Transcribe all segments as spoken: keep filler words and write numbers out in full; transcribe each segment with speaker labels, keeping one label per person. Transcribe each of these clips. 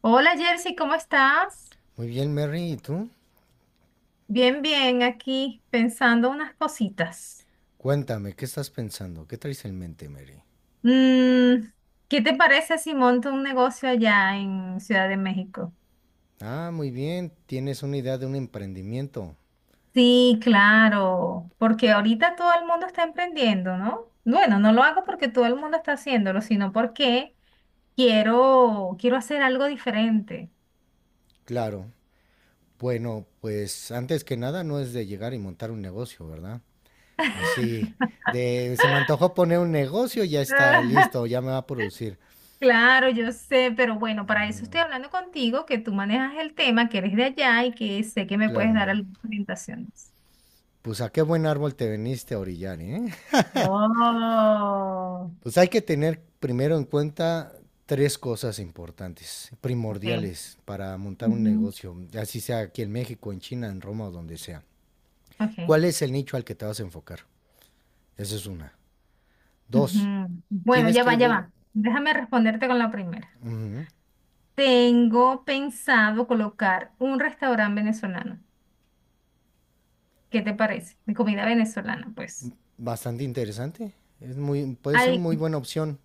Speaker 1: Hola Jersey, ¿cómo estás?
Speaker 2: Muy bien, Mary, ¿y tú?
Speaker 1: Bien, bien, aquí pensando unas cositas.
Speaker 2: Cuéntame, ¿qué estás pensando? ¿Qué traes en mente, Mary?
Speaker 1: Mm, ¿qué te parece si monto un negocio allá en Ciudad de México?
Speaker 2: Ah, muy bien, tienes una idea de un emprendimiento.
Speaker 1: Sí, claro, porque ahorita todo el mundo está emprendiendo, ¿no? Bueno, no lo hago porque todo el mundo está haciéndolo, sino porque quiero, quiero hacer algo diferente.
Speaker 2: Claro. Bueno, pues antes que nada no es de llegar y montar un negocio, ¿verdad? Así de se me antojó poner un negocio, ya está listo, ya me va a producir.
Speaker 1: Claro, yo sé, pero bueno, para eso estoy hablando contigo, que tú manejas el tema, que eres de allá y que sé que me puedes
Speaker 2: Claro.
Speaker 1: dar algunas orientaciones.
Speaker 2: Pues a qué buen árbol te veniste a orillar, ¿eh?
Speaker 1: Oh,
Speaker 2: Pues hay que tener primero en cuenta tres cosas importantes,
Speaker 1: ok.
Speaker 2: primordiales para montar un
Speaker 1: Ujú,
Speaker 2: negocio, así sea aquí en México, en China, en Roma o donde sea.
Speaker 1: ok,
Speaker 2: ¿Cuál es el nicho al que te vas a enfocar? Esa es una. Dos,
Speaker 1: ujú. Bueno,
Speaker 2: tienes
Speaker 1: ya
Speaker 2: que
Speaker 1: va, ya
Speaker 2: ver,
Speaker 1: va. Déjame responderte con la primera.
Speaker 2: ujú,
Speaker 1: Tengo pensado colocar un restaurante venezolano. ¿Qué te parece? De comida venezolana, pues.
Speaker 2: bastante interesante, es muy, puede ser una
Speaker 1: Hay,
Speaker 2: muy buena opción.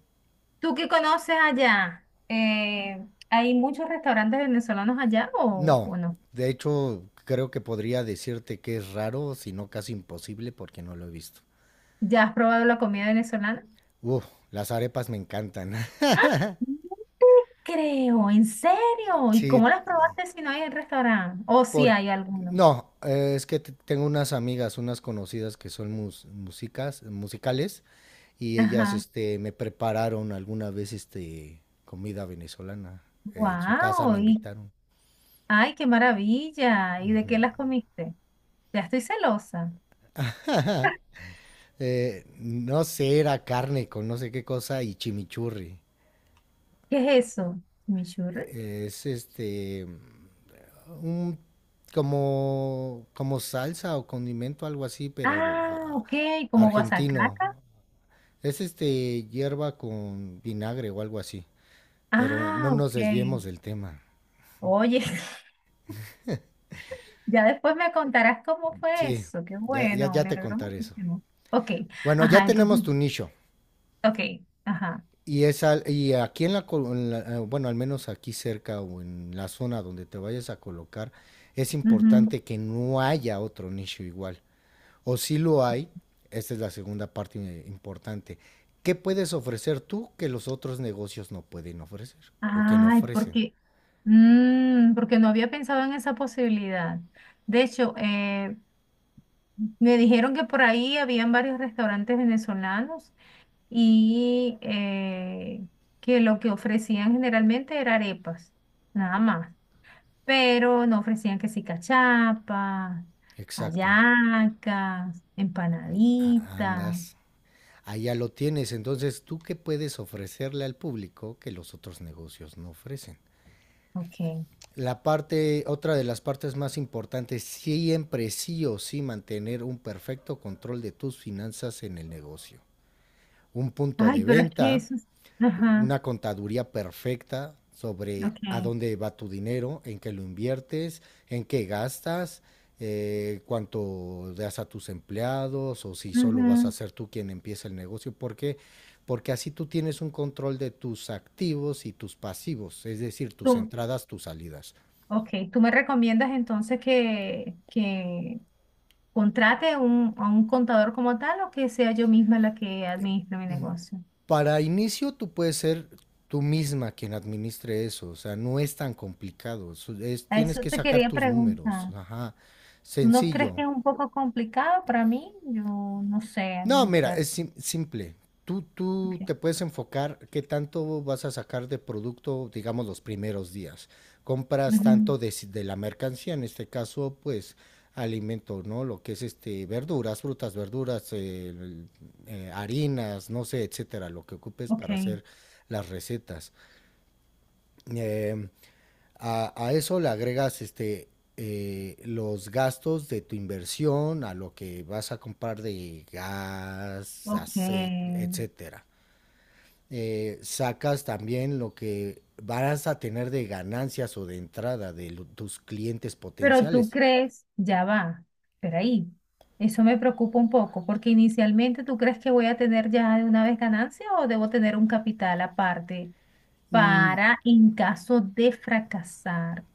Speaker 1: ¿tú qué conoces allá? Eh, ¿hay muchos restaurantes venezolanos allá o,
Speaker 2: No,
Speaker 1: o no?
Speaker 2: de hecho creo que podría decirte que es raro, si no casi imposible, porque no lo he visto.
Speaker 1: ¿Ya has probado la comida venezolana?
Speaker 2: Uf, las arepas me encantan.
Speaker 1: ¡Ah! No te Creo, ¿en serio? ¿Y
Speaker 2: Sí,
Speaker 1: cómo las probaste si no hay en restaurante? O si
Speaker 2: por,
Speaker 1: hay alguno.
Speaker 2: no, eh, es que t- tengo unas amigas, unas conocidas que son mus- músicas, musicales, y ellas,
Speaker 1: Ajá.
Speaker 2: este, me prepararon alguna vez, este, comida venezolana. Eh, en su casa
Speaker 1: Wow,
Speaker 2: me
Speaker 1: y
Speaker 2: invitaron.
Speaker 1: ay, qué maravilla. ¿Y de qué las comiste? Ya estoy celosa.
Speaker 2: Eh, no sé, era carne con no sé qué cosa y chimichurri.
Speaker 1: ¿Qué es eso? ¿Chimichurri?
Speaker 2: Eh, Es este, un como como salsa o condimento algo así, pero
Speaker 1: Ah,
Speaker 2: ah,
Speaker 1: ok, como
Speaker 2: argentino.
Speaker 1: guasacaca.
Speaker 2: Es este hierba con vinagre o algo así. Pero no
Speaker 1: Ah,
Speaker 2: nos
Speaker 1: ok.
Speaker 2: desviemos del tema.
Speaker 1: Oye, ya después me contarás cómo fue
Speaker 2: Sí,
Speaker 1: eso. Qué
Speaker 2: ya, ya,
Speaker 1: bueno,
Speaker 2: ya
Speaker 1: me
Speaker 2: te
Speaker 1: alegró
Speaker 2: contaré eso.
Speaker 1: muchísimo. Ok,
Speaker 2: Bueno, ya
Speaker 1: ajá,
Speaker 2: tenemos
Speaker 1: entonces,
Speaker 2: tu nicho.
Speaker 1: ok, ajá.
Speaker 2: Y, es al- y aquí en la, col- en la- eh, bueno, al menos aquí cerca o en la zona donde te vayas a colocar, es
Speaker 1: Ujú.
Speaker 2: importante que no haya otro nicho igual. O si lo hay, esta es la segunda parte eh, importante. ¿Qué puedes ofrecer tú que los otros negocios no pueden ofrecer o que no
Speaker 1: Ay,
Speaker 2: ofrecen?
Speaker 1: porque, mm, porque no había pensado en esa posibilidad. De hecho, eh, me dijeron que por ahí habían varios restaurantes venezolanos y eh, que lo que ofrecían generalmente era arepas, nada más. Pero no ofrecían que sí cachapas,
Speaker 2: Exacto.
Speaker 1: hallacas,
Speaker 2: A-
Speaker 1: empanaditas.
Speaker 2: Andas allá lo tienes. Entonces, ¿tú qué puedes ofrecerle al público que los otros negocios no ofrecen?
Speaker 1: Ok.
Speaker 2: La parte, otra de las partes más importantes, siempre sí o sí mantener un perfecto control de tus finanzas en el negocio. Un punto
Speaker 1: Ay,
Speaker 2: de
Speaker 1: pero es que
Speaker 2: venta,
Speaker 1: eso es... Ajá,
Speaker 2: una contaduría perfecta sobre a
Speaker 1: ok.
Speaker 2: dónde va tu dinero, en qué lo inviertes, en qué gastas, eh, cuánto das a tus empleados o si solo vas
Speaker 1: Ujú.
Speaker 2: a ser tú quien empieza el negocio. ¿Por qué? Porque así tú tienes un control de tus activos y tus pasivos, es decir, tus
Speaker 1: Tú-
Speaker 2: entradas, tus salidas.
Speaker 1: Ok, tú me recomiendas entonces que, que contrate un, a un contador como tal o que sea yo misma la que administre mi negocio.
Speaker 2: Para inicio tú puedes ser tú misma quien administre eso, o sea, no es tan complicado, es- es-
Speaker 1: A
Speaker 2: tienes
Speaker 1: eso
Speaker 2: que
Speaker 1: te
Speaker 2: sacar
Speaker 1: quería
Speaker 2: tus números,
Speaker 1: preguntar.
Speaker 2: ajá.
Speaker 1: ¿Tú no crees que
Speaker 2: Sencillo,
Speaker 1: es un poco complicado para mí? Yo no sé
Speaker 2: no, mira,
Speaker 1: administrar.
Speaker 2: es sim- simple. Tú, tú
Speaker 1: Ok,
Speaker 2: te puedes enfocar qué tanto vas a sacar de producto, digamos, los primeros días. Compras
Speaker 1: ujú,
Speaker 2: tanto de, si- de la mercancía, en este caso, pues alimento, ¿no? Lo que es este, verduras, frutas, verduras, eh, el- eh, harinas, no sé, etcétera, lo que ocupes para
Speaker 1: ok,
Speaker 2: hacer las recetas. Em, a, a eso le agregas este, eh, los gastos de tu inversión, a lo que vas a comprar de gas,
Speaker 1: ok.
Speaker 2: aceite, etcétera. Eh, sacas también lo que vas a tener de ganancias o de entrada de lo- tus clientes
Speaker 1: Pero tú
Speaker 2: potenciales.
Speaker 1: crees, ya va, pero ahí, eso me preocupa un poco, porque inicialmente tú crees que voy a tener ya de una vez ganancia o debo tener un capital aparte
Speaker 2: Mm,
Speaker 1: para en caso de fracasar.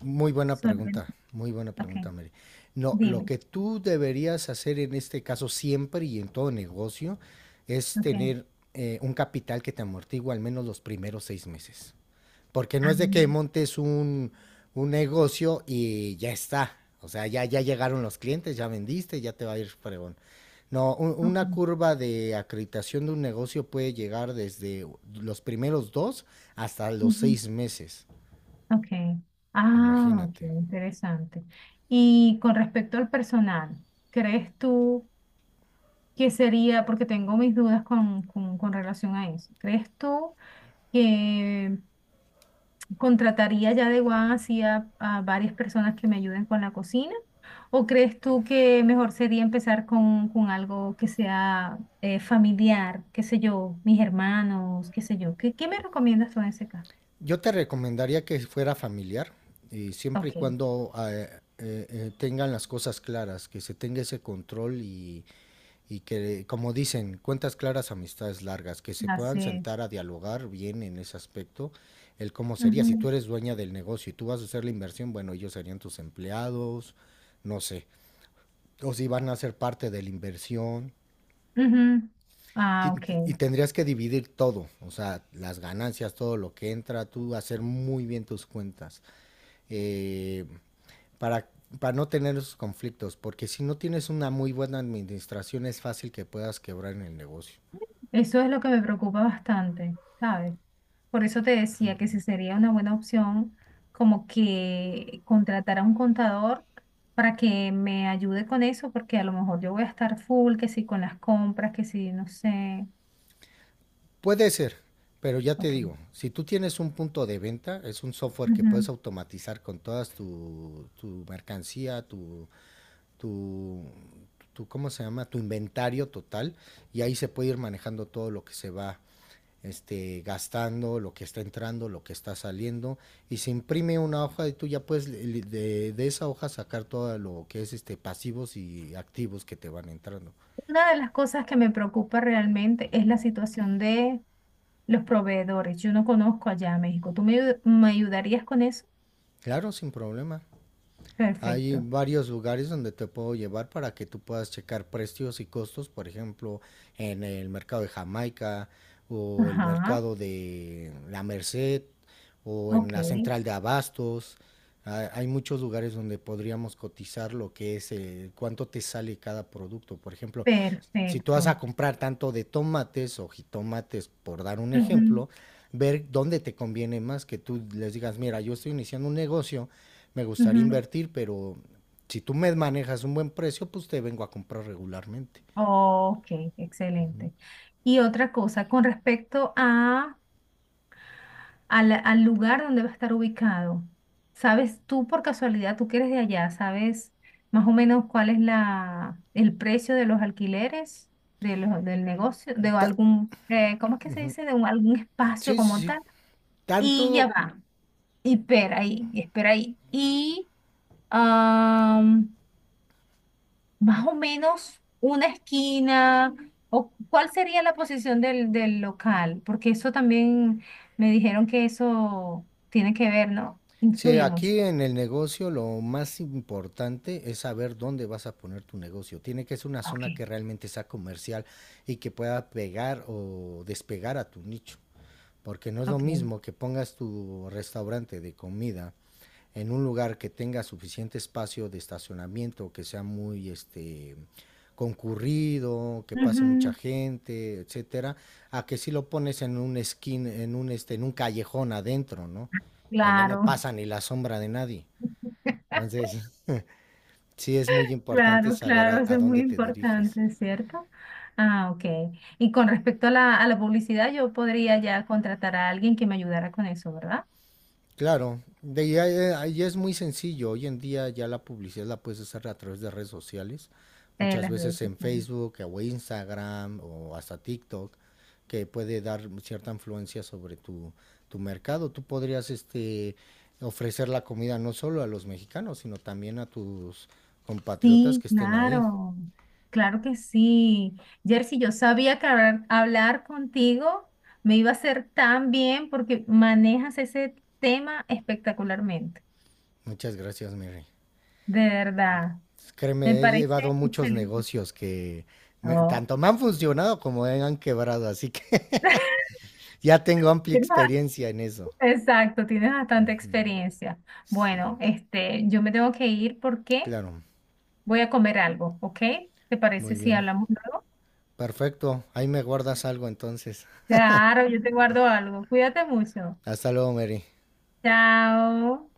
Speaker 2: muy buena
Speaker 1: Solven-
Speaker 2: pregunta, muy buena
Speaker 1: Ok,
Speaker 2: pregunta, Mary. No, lo
Speaker 1: dime.
Speaker 2: que tú deberías hacer en este caso siempre y en todo negocio es
Speaker 1: Ok.
Speaker 2: tener eh, un capital que te amortigua al menos los primeros seis meses. Porque
Speaker 1: Ah,
Speaker 2: no es de que montes un, un negocio y ya está. O sea, ya, ya llegaron los clientes, ya vendiste, ya te va a ir fregón. No, un- una
Speaker 1: ok.
Speaker 2: curva de acreditación de un negocio puede llegar desde los primeros dos hasta los
Speaker 1: Ujú.
Speaker 2: seis meses.
Speaker 1: Ok. Ah, ok,
Speaker 2: Imagínate.
Speaker 1: interesante. Y con respecto al personal, ¿crees tú que sería, porque tengo mis dudas con, con, con relación a eso, ¿crees tú? Que contrataría ya de One así a, a varias personas que me ayuden con la cocina? ¿O crees tú que mejor sería empezar con, con algo que sea eh, familiar, qué sé yo, mis hermanos, qué sé yo? ¿Qué, qué me recomiendas tú en ese caso?
Speaker 2: Yo te recomendaría que fuera familiar, y siempre y
Speaker 1: Ok,
Speaker 2: cuando eh, eh, eh, tengan las cosas claras, que se tenga ese control y, y que, como dicen, cuentas claras, amistades largas, que se puedan
Speaker 1: haces.
Speaker 2: sentar a dialogar bien en ese aspecto, el cómo sería. Si tú
Speaker 1: Ujú,
Speaker 2: eres dueña del negocio y tú vas a hacer la inversión, bueno, ellos serían tus empleados, no sé, o si van a ser parte de la inversión.
Speaker 1: ujú.
Speaker 2: Y,
Speaker 1: Ah, ok.
Speaker 2: y tendrías que dividir todo, o sea, las ganancias, todo lo que entra, tú hacer muy bien tus cuentas. eh, para, para no tener esos conflictos, porque si no tienes una muy buena administración es fácil que puedas quebrar en el negocio.
Speaker 1: Eso es lo que me preocupa bastante, ¿sabes? Por eso te decía que si sería una buena opción como que contratar a un contador para que me ayude con eso, porque a lo mejor yo voy a estar full, que si con las compras, que si no sé.
Speaker 2: Puede ser, pero ya te
Speaker 1: Ok.
Speaker 2: digo, si tú tienes un punto de venta, es un software que puedes
Speaker 1: Ujú.
Speaker 2: automatizar con todas tu, tu mercancía, tu, tu, tu, ¿cómo se llama? Tu inventario total, y ahí se puede ir manejando todo lo que se va este, gastando, lo que está entrando, lo que está saliendo, y se imprime una hoja y tú ya puedes de, de esa hoja sacar todo lo que es este, pasivos y activos que te van entrando.
Speaker 1: Una de las cosas que me preocupa realmente es la situación de los proveedores. Yo no conozco allá a México. ¿Tú me, ayu- me ayudarías con eso?
Speaker 2: Claro, sin problema. Hay
Speaker 1: Perfecto.
Speaker 2: varios lugares donde te puedo llevar para que tú puedas checar precios y costos, por ejemplo, en el mercado de Jamaica o el
Speaker 1: Ajá.
Speaker 2: mercado de La Merced o en
Speaker 1: Ok.
Speaker 2: la central de abastos. Ha- Hay muchos lugares donde podríamos cotizar lo que es eh, cuánto te sale cada producto. Por ejemplo, si tú vas a
Speaker 1: Perfecto.
Speaker 2: comprar tanto de tomates o jitomates, por dar un
Speaker 1: Ujú,
Speaker 2: ejemplo, ver dónde te conviene más que tú les digas, mira, yo estoy iniciando un negocio, me gustaría
Speaker 1: ujú.
Speaker 2: invertir, pero si tú me manejas un buen precio, pues te vengo a comprar regularmente.
Speaker 1: Ok, excelente. Y otra cosa, con respecto a, al, al lugar donde va a estar ubicado, ¿sabes tú por casualidad, tú que eres de allá, sabes más o menos cuál es la, el precio de los alquileres de los, del negocio, de
Speaker 2: Ta-
Speaker 1: algún, eh, ¿cómo es que se dice? De un, algún espacio
Speaker 2: sí, sí,
Speaker 1: como
Speaker 2: sí.
Speaker 1: tal. Y ya
Speaker 2: Tanto,
Speaker 1: va, y espera ahí, y espera ahí. Y más o menos una esquina, o cuál sería la posición del, del local, porque eso también me dijeron que eso tiene que ver, ¿no?
Speaker 2: sí,
Speaker 1: Influye mucho.
Speaker 2: aquí en el negocio lo más importante es saber dónde vas a poner tu negocio. Tiene que ser una
Speaker 1: Ok,
Speaker 2: zona que realmente sea comercial y que pueda pegar o despegar a tu nicho. Porque no es lo
Speaker 1: ok.
Speaker 2: mismo que pongas tu restaurante de comida en un lugar que tenga suficiente espacio de estacionamiento, que sea muy este concurrido, que pase mucha
Speaker 1: Ujú,
Speaker 2: gente, etcétera, a que si lo pones en un skin, en un este, en un callejón adentro, ¿no? Donde no
Speaker 1: claro,
Speaker 2: pasa ni la sombra de nadie. Entonces, sí es muy importante
Speaker 1: claro,
Speaker 2: saber
Speaker 1: claro,
Speaker 2: a,
Speaker 1: eso
Speaker 2: a
Speaker 1: es muy
Speaker 2: dónde te diriges.
Speaker 1: importante, ¿cierto? Ah, ok. Y con respecto a la, a la publicidad, yo podría ya contratar a alguien que me ayudara con eso, ¿verdad?
Speaker 2: Claro, de ahí, a- ahí es muy sencillo. Hoy en día ya la publicidad la puedes hacer a través de redes sociales,
Speaker 1: Eh,
Speaker 2: muchas
Speaker 1: las
Speaker 2: veces
Speaker 1: redes
Speaker 2: en
Speaker 1: sociales.
Speaker 2: Facebook o Instagram o hasta TikTok, que puede dar cierta influencia sobre tu, tu mercado. Tú podrías este, ofrecer la comida no solo a los mexicanos, sino también a tus compatriotas
Speaker 1: Sí,
Speaker 2: que estén ahí.
Speaker 1: claro, claro que sí. Jersey, yo sabía que hablar, hablar contigo me iba a hacer tan bien porque manejas ese tema espectacularmente,
Speaker 2: Muchas gracias, Mary.
Speaker 1: de verdad. Me
Speaker 2: Créeme, he llevado
Speaker 1: parece
Speaker 2: muchos
Speaker 1: excelente.
Speaker 2: negocios que me-
Speaker 1: Oh,
Speaker 2: tanto me han funcionado como me han quebrado, así que ya tengo amplia
Speaker 1: tienes bast-
Speaker 2: experiencia en eso.
Speaker 1: Exacto, tienes bastante experiencia.
Speaker 2: Sí,
Speaker 1: Bueno, este, yo me tengo que ir porque
Speaker 2: claro.
Speaker 1: voy a comer algo, ¿ok? ¿Te
Speaker 2: Muy
Speaker 1: parece si
Speaker 2: bien.
Speaker 1: hablamos luego?
Speaker 2: Perfecto. Ahí me guardas algo entonces.
Speaker 1: Claro, yo te guardo algo. Cuídate mucho.
Speaker 2: Hasta luego, Mary.
Speaker 1: Chao.